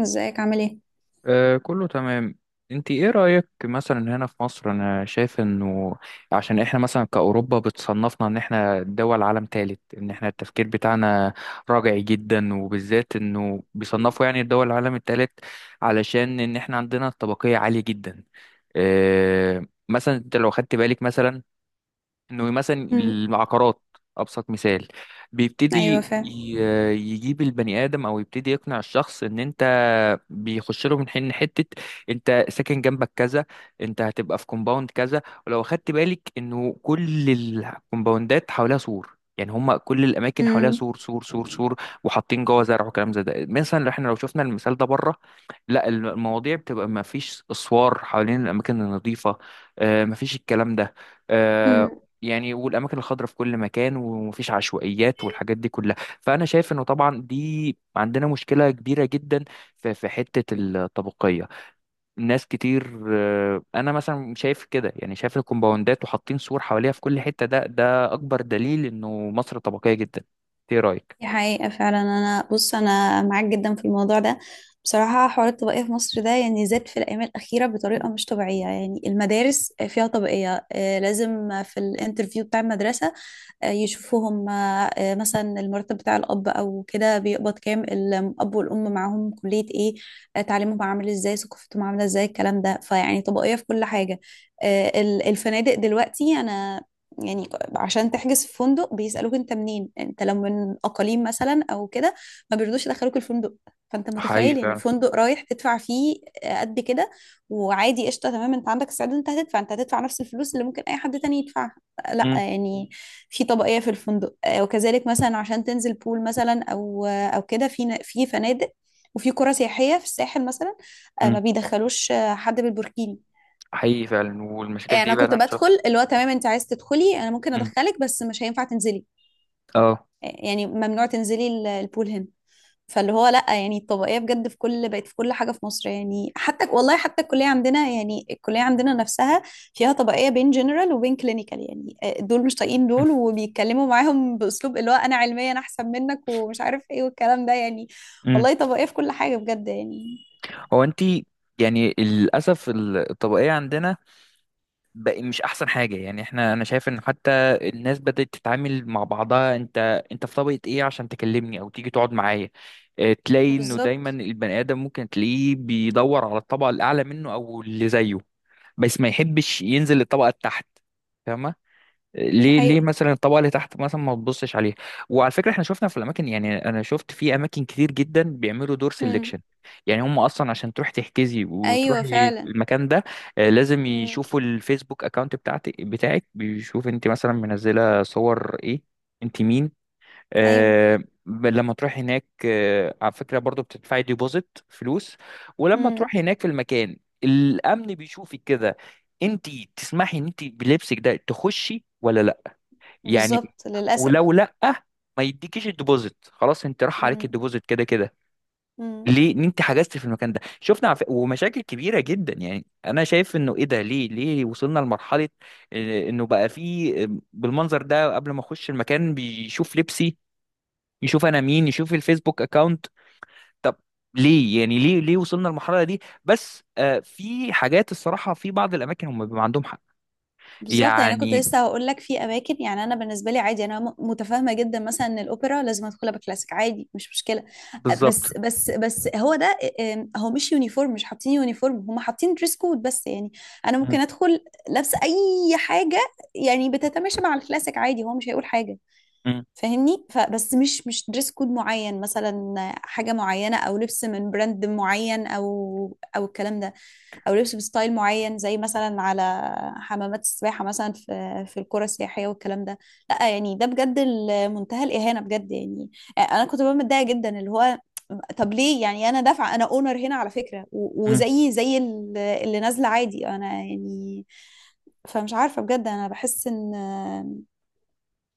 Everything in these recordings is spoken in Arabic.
ازيك عامل ايه. آه، كله تمام. انت ايه رأيك مثلا هنا في مصر؟ انا شايف انه عشان احنا مثلا كأوروبا بتصنفنا ان احنا دول عالم ثالث، ان احنا التفكير بتاعنا راجعي جدا، وبالذات انه بيصنفوا يعني الدول العالم الثالث علشان ان احنا عندنا الطبقية عالية جدا. آه مثلا انت لو خدت بالك مثلا انه مثلا مم. العقارات ابسط مثال. ايوه بيبتدي فعلا. ي- يجيب البني ادم او يبتدي يقنع الشخص ان انت بيخش له من حين حته: انت ساكن جنبك كذا، انت هتبقى في كومباوند كذا. ولو خدت بالك انه كل الكومباوندات حواليها سور، يعني هم كل الاماكن حواليها مم. سور سور سور سور، وحاطين جوه زرع وكلام زي ده. مثلا احنا لو شفنا المثال ده بره، لا، المواضيع بتبقى ما فيش اسوار حوالين الاماكن النظيفه، آه، ما فيش الكلام ده، آه، مم. يعني والاماكن الخضراء في كل مكان ومفيش عشوائيات والحاجات دي كلها. فانا شايف انه طبعا دي عندنا مشكله كبيره جدا في حته الطبقيه. ناس كتير آه، انا مثلا شايف كده، يعني شايف الكومباوندات وحاطين سور حواليها في كل حته، ده اكبر دليل انه مصر طبقيه جدا. ايه رايك؟ دي حقيقة فعلا، انا بص انا معاك جدا في الموضوع ده. بصراحة حوار الطبقية في مصر ده يعني زاد في الايام الاخيرة بطريقة مش طبيعية، يعني المدارس فيها طبقية، لازم في الانترفيو بتاع المدرسة آه، يشوفوهم آه، آه، مثلا المرتب بتاع الأب أو كده بيقبض كام، الأب والأم معاهم كلية إيه، تعليمهم عامل إزاي، ثقافتهم عاملة إزاي، الكلام ده. فيعني طبقية في كل حاجة. الفنادق دلوقتي، أنا يعني عشان تحجز في فندق بيسألوك أنت منين. أنت لو من أقاليم مثلا أو كده ما بيرضوش يدخلوك الفندق. فأنت حقيقي متخيل يعني فعلا. فندق رايح تدفع فيه قد كده، وعادي قشطه تمام. انت عندك استعداد، انت هتدفع، انت هتدفع نفس الفلوس اللي ممكن اي حد تاني يدفعها. لا امم. يعني في طبقية في الفندق. وكذلك مثلا عشان تنزل بول مثلا أو أو كده في في فنادق وفي قرى سياحية في الساحل مثلا، امم. ما بيدخلوش حد بالبوركيني. حقيقي فعلا، والمشاكل انا دي بقى كنت انا شايفها. بدخل اللي هو تمام، انت عايز تدخلي انا ممكن امم. ادخلك بس مش هينفع تنزلي. اه. يعني ممنوع تنزلي البول هنا. فاللي هو لا يعني الطبقيه بجد في كل بقت في كل حاجه في مصر يعني. حتى والله حتى الكليه عندنا، يعني الكليه عندنا نفسها فيها طبقيه بين جنرال وبين كلينيكال. يعني دول مش طايقين دول، وبيتكلموا معاهم باسلوب اللي هو انا علميا احسن منك ومش عارف ايه والكلام ده يعني. امم. والله طبقيه في كل حاجه بجد يعني. هو انت، يعني للاسف الطبقيه عندنا بقى مش احسن حاجه. يعني احنا انا شايف ان حتى الناس بدات تتعامل مع بعضها: انت في طبقه ايه عشان تكلمني او تيجي تقعد معايا؟ آه، تلاقي انه دايما بالظبط، البني ادم ممكن تلاقيه بيدور على الطبقه الاعلى منه او اللي زيه، بس ما يحبش ينزل للطبقه التحت. فاهمه؟ دي ليه ليه حقيقه. مثلا الطبقه اللي تحت مثلا ما تبصش عليها؟ وعلى فكره احنا شفنا في الاماكن، يعني انا شفت في اماكن كتير جدا بيعملوا دور امم سيلكشن. يعني هم اصلا عشان تروح تحجزي ايوه وتروحي فعلا. المكان ده، آه، لازم امم يشوفوا الفيسبوك اكونت بتاعتك، بتاعك بيشوف انت مثلا منزله صور ايه، انت مين. ايوه. آه، لما تروح هناك، آه على فكره برضو بتدفعي ديبوزيت فلوس، ولما امم تروح هناك في المكان الامن بيشوفك كده: انت تسمحي ان انت بلبسك ده تخشي ولا لا؟ يعني بالظبط للاسف. ولو لا، ما يديكيش الديبوزيت، خلاص انت راح عليك الديبوزيت كده كده. امم ليه؟ ان انت حجزت في المكان ده. ومشاكل كبيره جدا. يعني انا شايف انه ايه ده؟ ليه ليه وصلنا لمرحله اه، انه بقى فيه اه، بالمنظر ده قبل ما اخش المكان بيشوف لبسي، يشوف انا مين، يشوف الفيسبوك اكاونت؟ طب ليه؟ يعني ليه ليه وصلنا للمرحله دي؟ بس آه في حاجات الصراحه في بعض الاماكن هم بيبقى عندهم حق. بالظبط. يعني انا كنت يعني لسه هقول لك في اماكن. يعني انا بالنسبه لي عادي، انا متفاهمه جدا مثلا ان الاوبرا لازم ادخلها بكلاسيك، عادي مش مشكله. بالظبط. بس بس بس هو ده هو مش يونيفورم، مش حاطين يونيفورم، هم حاطين دريس كود بس يعني. انا م- ممكن ادخل لابسه اي حاجه يعني بتتماشى مع الكلاسيك عادي، هو مش هيقول حاجه، م- فاهمني؟ فبس مش مش دريس كود معين مثلا حاجة معينة أو لبس من براند معين أو أو الكلام ده، أو لبس بستايل معين زي مثلا على حمامات السباحة مثلا في في القرى السياحية والكلام ده. لا يعني ده بجد منتهى الإهانة بجد يعني. أنا كنت ببقى متضايقة جدا، اللي هو طب ليه يعني؟ أنا دافعة، أنا أونر هنا على فكرة، م. وزيي زي اللي نازلة عادي أنا يعني. فمش عارفة بجد، أنا بحس إن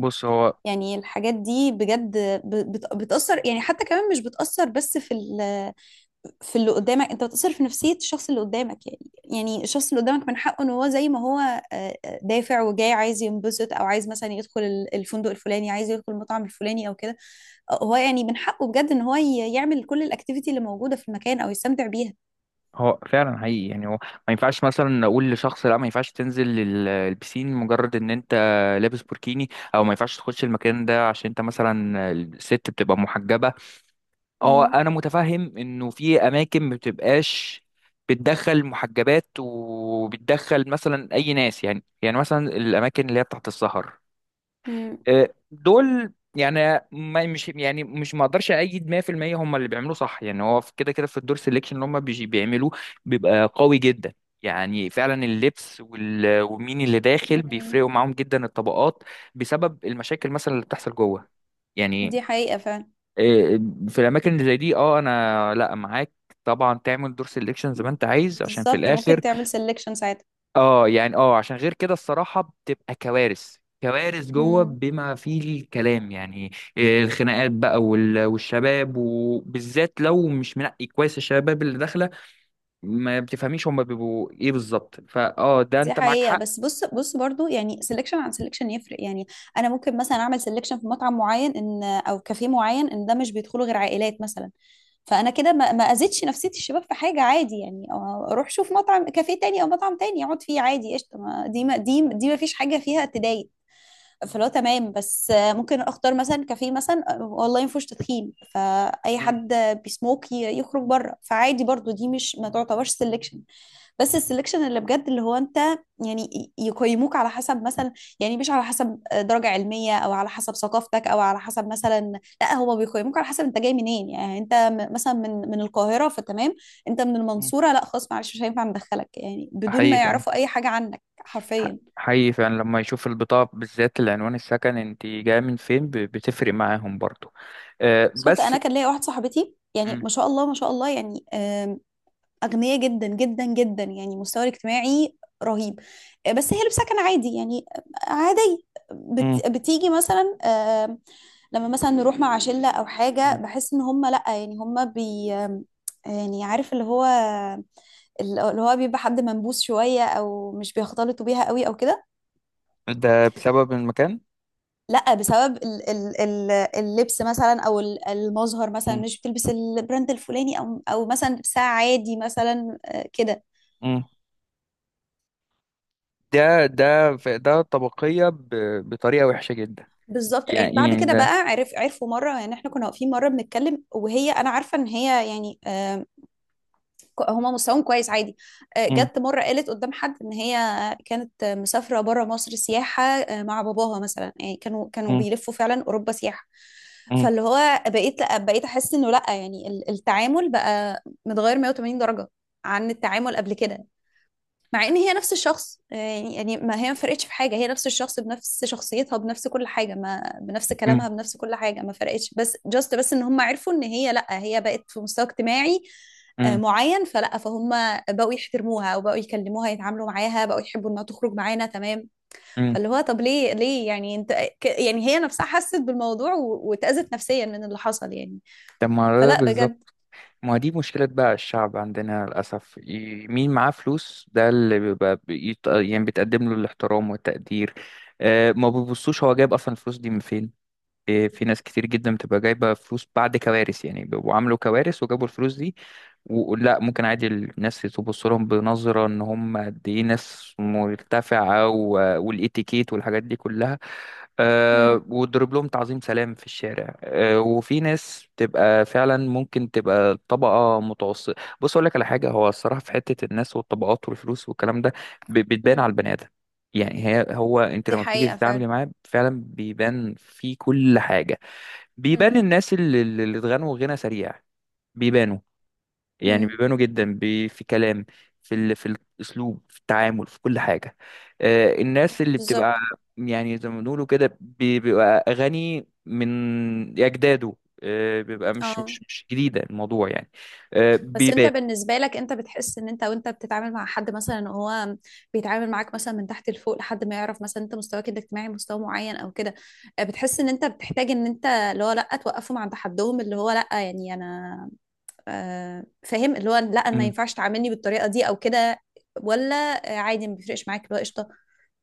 بص هو، يعني الحاجات دي بجد بتأثر. يعني حتى كمان مش بتأثر بس في في اللي قدامك، انت بتأثر في نفسية الشخص اللي قدامك. يعني يعني الشخص اللي قدامك من حقه ان هو زي ما هو دافع وجاي عايز ينبسط او عايز مثلا يدخل الفندق الفلاني، عايز يدخل المطعم الفلاني او كده. هو يعني من حقه بجد ان هو يعمل كل الاكتيفيتي اللي موجودة في المكان او يستمتع بيها. هو فعلا حقيقي، يعني هو ما ينفعش مثلا نقول لشخص لا، ما ينفعش تنزل البسين مجرد ان انت لابس بوركيني، او ما ينفعش تخش المكان ده عشان انت مثلا الست بتبقى محجبة. اه مم. انا متفهم انه في اماكن ما بتبقاش بتدخل محجبات وبتدخل مثلا اي ناس، يعني مثلا الاماكن اللي هي بتاعت السهر، مم. آه، دول يعني ما مش يعني مش، ما اقدرش ايد 100% هم اللي بيعملوه صح. يعني هو كده كده في الدور سيلكشن اللي هم بيعملوه بيبقى قوي جدا. يعني فعلا اللبس ومين اللي داخل مم. بيفرقوا معاهم جدا الطبقات، بسبب المشاكل مثلا اللي بتحصل جوه. يعني دي حقيقة فعلا. آه، في الاماكن اللي زي دي اه انا لا، معاك طبعا تعمل دور سيلكشن زي ما انت عايز، عشان في بالظبط، الاخر ممكن تعمل سelection ساعتها. اه، يعني اه عشان غير كده الصراحة بتبقى كوارث، كوارث جوه مم. بما فيه الكلام. يعني إيه، الخناقات بقى والشباب، وبالذات لو مش منقي كويس الشباب اللي داخلة ما بتفهميش هما بيبقوا ايه بالظبط. فاه، ده دي انت معاك حقيقة حق. بس بص بص برضو، يعني سelection عن selection يفرق يعني. أنا ممكن مثلا أعمل selection في مطعم معين إن أو كافيه معين إن ده مش بيدخله غير عائلات مثلا. فأنا كده ما أذيتش نفسية الشباب في حاجة، عادي يعني، أو أروح شوف مطعم كافيه تاني أو مطعم تاني أقعد فيه عادي قشطة، ما- دي ما دي دي ما فيش حاجة فيها تضايق. فلو تمام بس ممكن اختار مثلا كافيه مثلا والله ما فيهوش تدخين، فاي مم. حد بيسموك يخرج بره، فعادي برضو دي مش ما تعتبرش سيلكشن. بس السلكشن اللي بجد اللي هو انت يعني يقيموك على حسب مثلا، يعني مش على حسب درجة علمية او على حسب ثقافتك او على حسب مثلا، لا هو بيقيموك على حسب انت جاي منين. يعني انت مثلا من من القاهرة فتمام، انت من مم. المنصورة لا خلاص معلش مش هينفع ندخلك، يعني بدون ما حقيقي فعلا. يعرفوا اي حاجة عنك حرفيا. حقيقي فعلا، لما يشوف البطاقة بالذات العنوان، السكن انت جاية من فين، بتفرق معاهم برضو. آه، بالظبط. بس انا كان ليا واحد صاحبتي، يعني مم. ما شاء الله ما شاء الله يعني، أغنياء جدا جدا جدا، يعني مستوى اجتماعي رهيب. بس هي لابسة كان عادي يعني، عادي. مم. بتيجي مثلا لما مثلا نروح مع شلة أو حاجة مم. بحس إن هم لأ، يعني هم بي يعني عارف اللي هو اللي هو بيبقى حد منبوس شوية أو مش بيختلطوا بيها قوي أو كده. ده بسبب المكان. لأ بسبب اللبس مثلا أو المظهر مثلا، مم. مش بتلبس البراند الفلاني أو أو مثلا لبسها عادي مثلا كده. مم. ده طبقية بطريقة وحشة جدا. بالظبط. يعني يعني بعد يعني كده بقى ده. عرف عرفوا مره، يعني احنا كنا واقفين مره بنتكلم وهي، انا عارفه ان هي يعني هما مستواهم كويس عادي. مم. جت مره قالت قدام حد ان هي كانت مسافره بره مصر سياحه مع باباها مثلا، يعني كانوا مم. بيلفوا فعلا اوروبا سياحه. مم. فاللي هو بقيت احس انه لا، يعني التعامل بقى متغير 180 درجه عن التعامل قبل كده، مع ان هي نفس الشخص. يعني يعني ما هي ما فرقتش في حاجه، هي نفس الشخص بنفس شخصيتها بنفس كل حاجه، ما بنفس كلامها مم. بنفس كل حاجه ما فرقتش، بس جاست بس ان هم عرفوا ان هي لا، هي بقت في مستوى اجتماعي مم. معين، فلا فهم بقوا يحترموها وبقوا يكلموها، يتعاملوا معاها، بقوا يحبوا انها تخرج معانا تمام. مم. فاللي هو طب ليه ليه يعني؟ انت يعني هي نفسها حست بالموضوع واتأذت نفسيا من اللي حصل يعني، طب ما ده فلا بالظبط. بجد. ما دي مشكلة بقى الشعب عندنا للأسف، مين معاه فلوس ده اللي بيبقى يعني بتقدم له الاحترام والتقدير. آه، ما بيبصوش هو جايب أصلا الفلوس دي من فين. آه، في ناس كتير جدا بتبقى جايبة فلوس بعد كوارث، يعني بيبقوا عملوا كوارث وجابوا الفلوس دي، ولا ممكن عادي الناس تبص لهم بنظرة ان هم قد ايه ناس مرتفعة والاتيكيت والحاجات دي كلها، مم. أه، وتضرب لهم تعظيم سلام في الشارع. أه، وفي ناس تبقى فعلا ممكن تبقى طبقة متوسطة. بص اقول لك على حاجة، هو الصراحة في حتة الناس والطبقات والفلوس والكلام ده بتبان مم. على البني آدم. يعني هي، هو انت دي لما بتيجي حقيقة فعلا. تتعاملي معاه فعلا بيبان في كل حاجة. بيبان مم. الناس اللي اتغنوا غنى سريع بيبانوا. يعني مم. بيبانوا جدا في كلام، في في الاسلوب، في التعامل، في كل حاجه. آه، الناس اللي بتبقى بالظبط. يعني زي ما بنقولوا كده بيبقى اغاني من اجداده، آه، بيبقى مش اه مش مش جديده الموضوع يعني، آه، بس انت بيبان. بالنسبة لك انت بتحس ان انت وانت بتتعامل مع حد مثلا هو بيتعامل معاك مثلا من تحت لفوق لحد ما يعرف مثلا انت مستواك الاجتماعي مستوى معين او كده، بتحس ان انت بتحتاج ان انت اللي هو لا توقفهم عند حدهم، اللي هو لا يعني انا فاهم، اللي هو لا ما مم. ينفعش تعاملني بالطريقة دي او كده؟ ولا عادي ما بيفرقش معاك اللي هو قشطة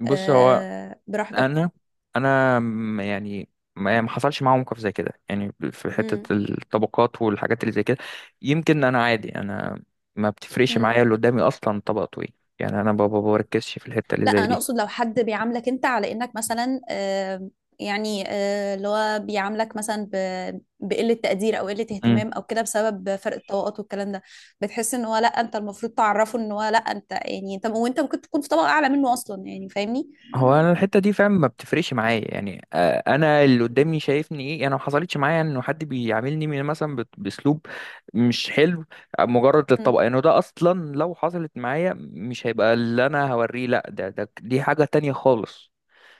بص هو، براحتك؟ انا انا يعني ما، يعني ما حصلش معايا موقف زي كده، يعني في حتة الطبقات والحاجات اللي زي كده، يمكن انا عادي، انا ما بتفرقش مم. معايا اللي قدامي اصلا طبقته ايه. يعني انا بابا بركزش في الحتة اللي لا زي انا دي. اقصد لو حد بيعاملك انت على انك مثلا يعني اللي هو بيعاملك مثلا بقلة تقدير او قلة مم. اهتمام او كده بسبب فرق الطبقات والكلام ده، بتحس ان هو لا انت المفروض تعرفه ان هو لا انت، يعني انت وانت ممكن تكون في طبقة اعلى منه اصلا يعني، فاهمني؟ هو انا الحتة دي فعلا ما بتفرقش معايا، يعني آه، انا اللي قدامي شايفني ايه. انا ما حصلتش معايا انه حد بيعاملني مثلا باسلوب مش حلو مجرد مم. للطبقة. يعني ده اصلا لو حصلت معايا مش هيبقى اللي انا هوريه، لا ده دي حاجة تانية خالص،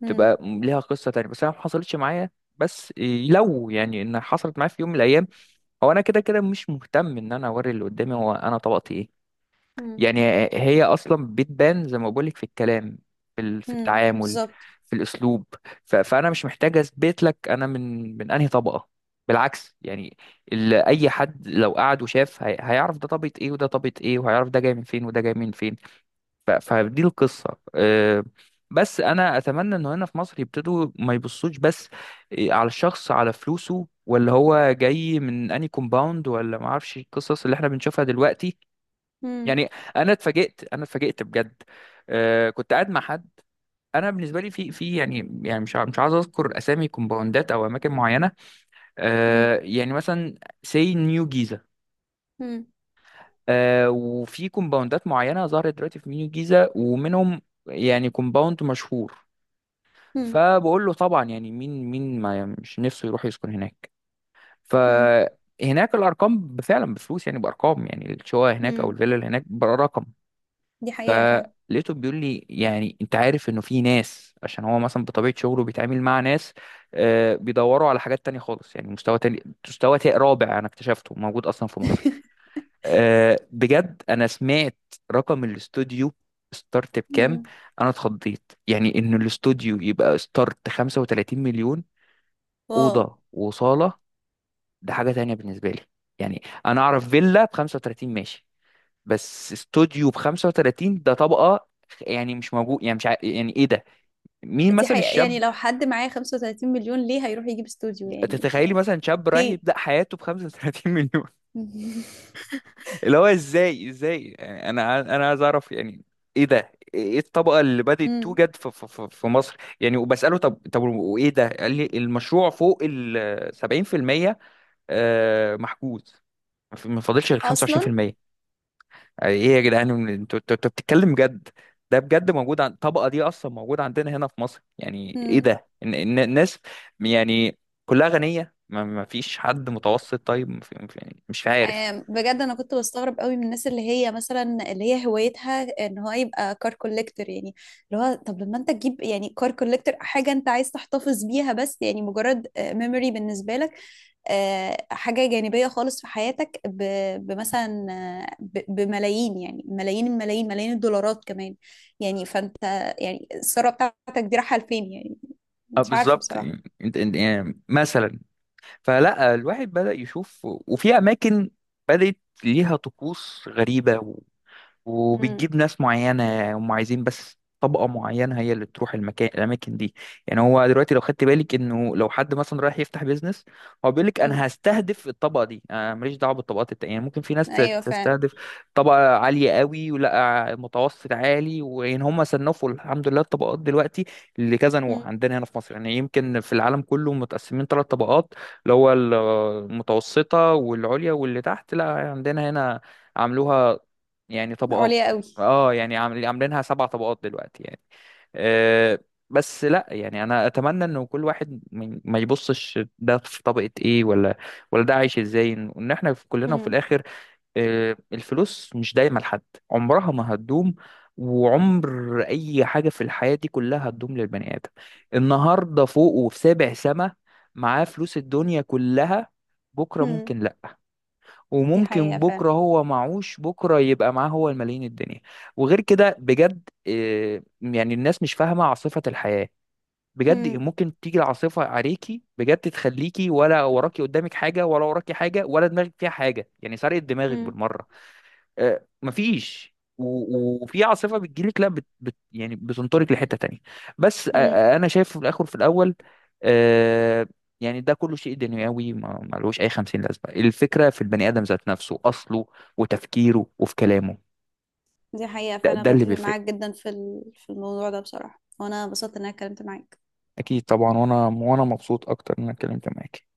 مم. تبقى ليها قصة تانية. بس انا ما حصلتش معايا، بس لو يعني ان حصلت معايا في يوم من الايام، هو انا كده كده مش مهتم ان انا اوري اللي قدامي هو انا طبقتي ايه. مم. يعني هي اصلا بتبان زي ما بقولك في الكلام، في مم. التعامل، بالظبط. في الاسلوب. فانا مش محتاج اثبت لك انا من انهي طبقة. بالعكس يعني، اي حد لو قعد وشاف هيعرف ده طبقة ايه وده طبقة ايه، وهيعرف ده جاي من فين وده جاي من فين. فدي القصة آه، بس أنا أتمنى إنه هنا في مصر يبتدوا ما يبصوش بس، آه، على الشخص، على فلوسه، ولا هو جاي من أني كومباوند، ولا ما أعرفش القصص اللي إحنا بنشوفها دلوقتي. مم. يعني أنا اتفاجئت، أنا اتفاجئت بجد. آه، كنت قاعد مع حد. أنا بالنسبة لي، في يعني مش مش عايز أذكر أسامي كومباوندات أو أماكن معينة، مم. آه، يعني مثلا سي نيو جيزة، مم. آه، وفي كومباوندات معينة ظهرت دلوقتي في نيو جيزة ومنهم يعني كومباوند مشهور. مم. فبقول له طبعا، يعني مين ما مش نفسه يروح يسكن هناك. مم. فهناك الارقام فعلا بفلوس، يعني بارقام، يعني الشقه هناك او مم. الفيلا اللي هناك برقم. دي حقيقة فعلا. فلقيته بيقول لي، يعني انت عارف انه في ناس، عشان هو مثلا بطبيعه شغله بيتعامل مع ناس، آه، بيدوروا على حاجات تانية خالص. يعني مستوى تاني، مستوى رابع، انا اكتشفته موجود اصلا في مصر. أه بجد انا سمعت رقم الاستوديو ستارت بكام. مم. انا اتخضيت يعني ان الاستوديو يبقى ستارت 35 مليون. واو. اوضه وصاله! ده حاجه تانية بالنسبه لي. يعني انا اعرف فيلا ب 35 ماشي، بس استوديو ب 35 ده طبقه، يعني مش موجود. يعني مش ع... يعني ايه ده؟ مين دي مثلا حقيقة، يعني الشاب؟ لو حد معاه 35 مليون ليه هيروح يجيب استوديو يعني؟ تتخيلي مثلا شاب رايح ليه؟ يبدا حياته ب 35 مليون؟ اللي هو ازاي ازاي؟ يعني انا انا عايز اعرف، يعني ايه ده؟ ايه الطبقه اللي بدات مم. توجد في في مصر؟ يعني وبساله طب، وايه ده، قال لي المشروع فوق ال 70% آه، محجوز، ما فاضلش غير أصلا. 25%. يعني ايه يا جدعان، انتوا انتوا بتتكلم جد؟ ده بجد موجود؟ عن الطبقه دي اصلا موجوده عندنا هنا في مصر؟ يعني ايه مم. ده؟ إن الناس يعني كلها غنيه؟ ما فيش حد متوسط؟ طيب ما في- ما في- يعني مش عارف. بجد انا كنت بستغرب قوي من الناس اللي هي مثلا اللي هي هوايتها ان هو يبقى كار كوليكتور يعني. اللي هو طب لما انت تجيب يعني كار كوليكتور، حاجه انت عايز تحتفظ بيها بس، يعني مجرد ميموري بالنسبه لك، حاجه جانبيه خالص في حياتك بمثلا بملايين، يعني ملايين الملايين، ملايين الدولارات كمان يعني. فانت يعني الثروه بتاعتك دي رايحه لفين يعني؟ اه مش عارفه بالظبط. بصراحه. يعني انت يعني مثلا، فلا الواحد بدأ يشوف. وفي اماكن بدأت ليها طقوس غريبة، امم وبتجيب ناس معينة هم عايزين بس طبقة معينة هي اللي تروح المكان، الأماكن دي. يعني هو دلوقتي لو خدت بالك إنه لو حد مثلا رايح يفتح بيزنس، هو بيقول لك أنا هستهدف الطبقة دي، أنا ماليش دعوة بالطبقات التانية. يعني ممكن في ناس ايوه فعلا. تستهدف طبقة عالية قوي ولا متوسط عالي. وإن هم صنفوا، الحمد لله، الطبقات دلوقتي لكذا نوع مم. عندنا هنا في مصر. يعني يمكن في العالم كله متقسمين ثلاث طبقات، اللي هو المتوسطة والعليا واللي تحت. لا، عندنا هنا عملوها يعني طبقات، عليا قوي. اه يعني عاملينها سبع طبقات دلوقتي يعني. أه بس لا، يعني انا اتمنى انه كل واحد ما يبصش ده في طبقة ايه، ولا ولا ده عايش ازاي. ان احنا في كلنا في الاخر. أه، الفلوس مش دايما لحد، عمرها ما هتدوم، وعمر اي حاجة في الحياة دي كلها هتدوم للبني ادم. النهاردة فوق وفي سابع سما، معاه فلوس الدنيا كلها، بكرة امم ممكن لا، دي وممكن حقيقة فعلا. بكره هو معهوش، بكره يبقى معاه هو الملايين الدنيا. وغير كده بجد آه، يعني الناس مش فاهمه عاصفه الحياه. بجد مم. ممكن تيجي العاصفه عليكي بجد، تخليكي ولا وراكي قدامك حاجه، ولا وراكي حاجه، ولا دماغك فيها حاجه، يعني سرقت دماغك مم. بالمره، آه، مفيش وفي عاصفه بتجيلك، لا بت يعني بتنطرك لحته تانية. بس آه، مم. آه، انا شايف في الاخر في الاول آه، يعني ده كله شيء دنيوي، ما لهوش اي 50 لازمه. الفكره في البني ادم ذات نفسه اصله وتفكيره وفي كلامه. دي حقيقة ده فعلا، اللي بتفق بيفرق. معاك جدا في في الموضوع ده بصراحة، وانا انبسطت ان انا اتكلمت معاك. اكيد طبعا، وانا مبسوط اكتر ان انا اتكلمت معاك.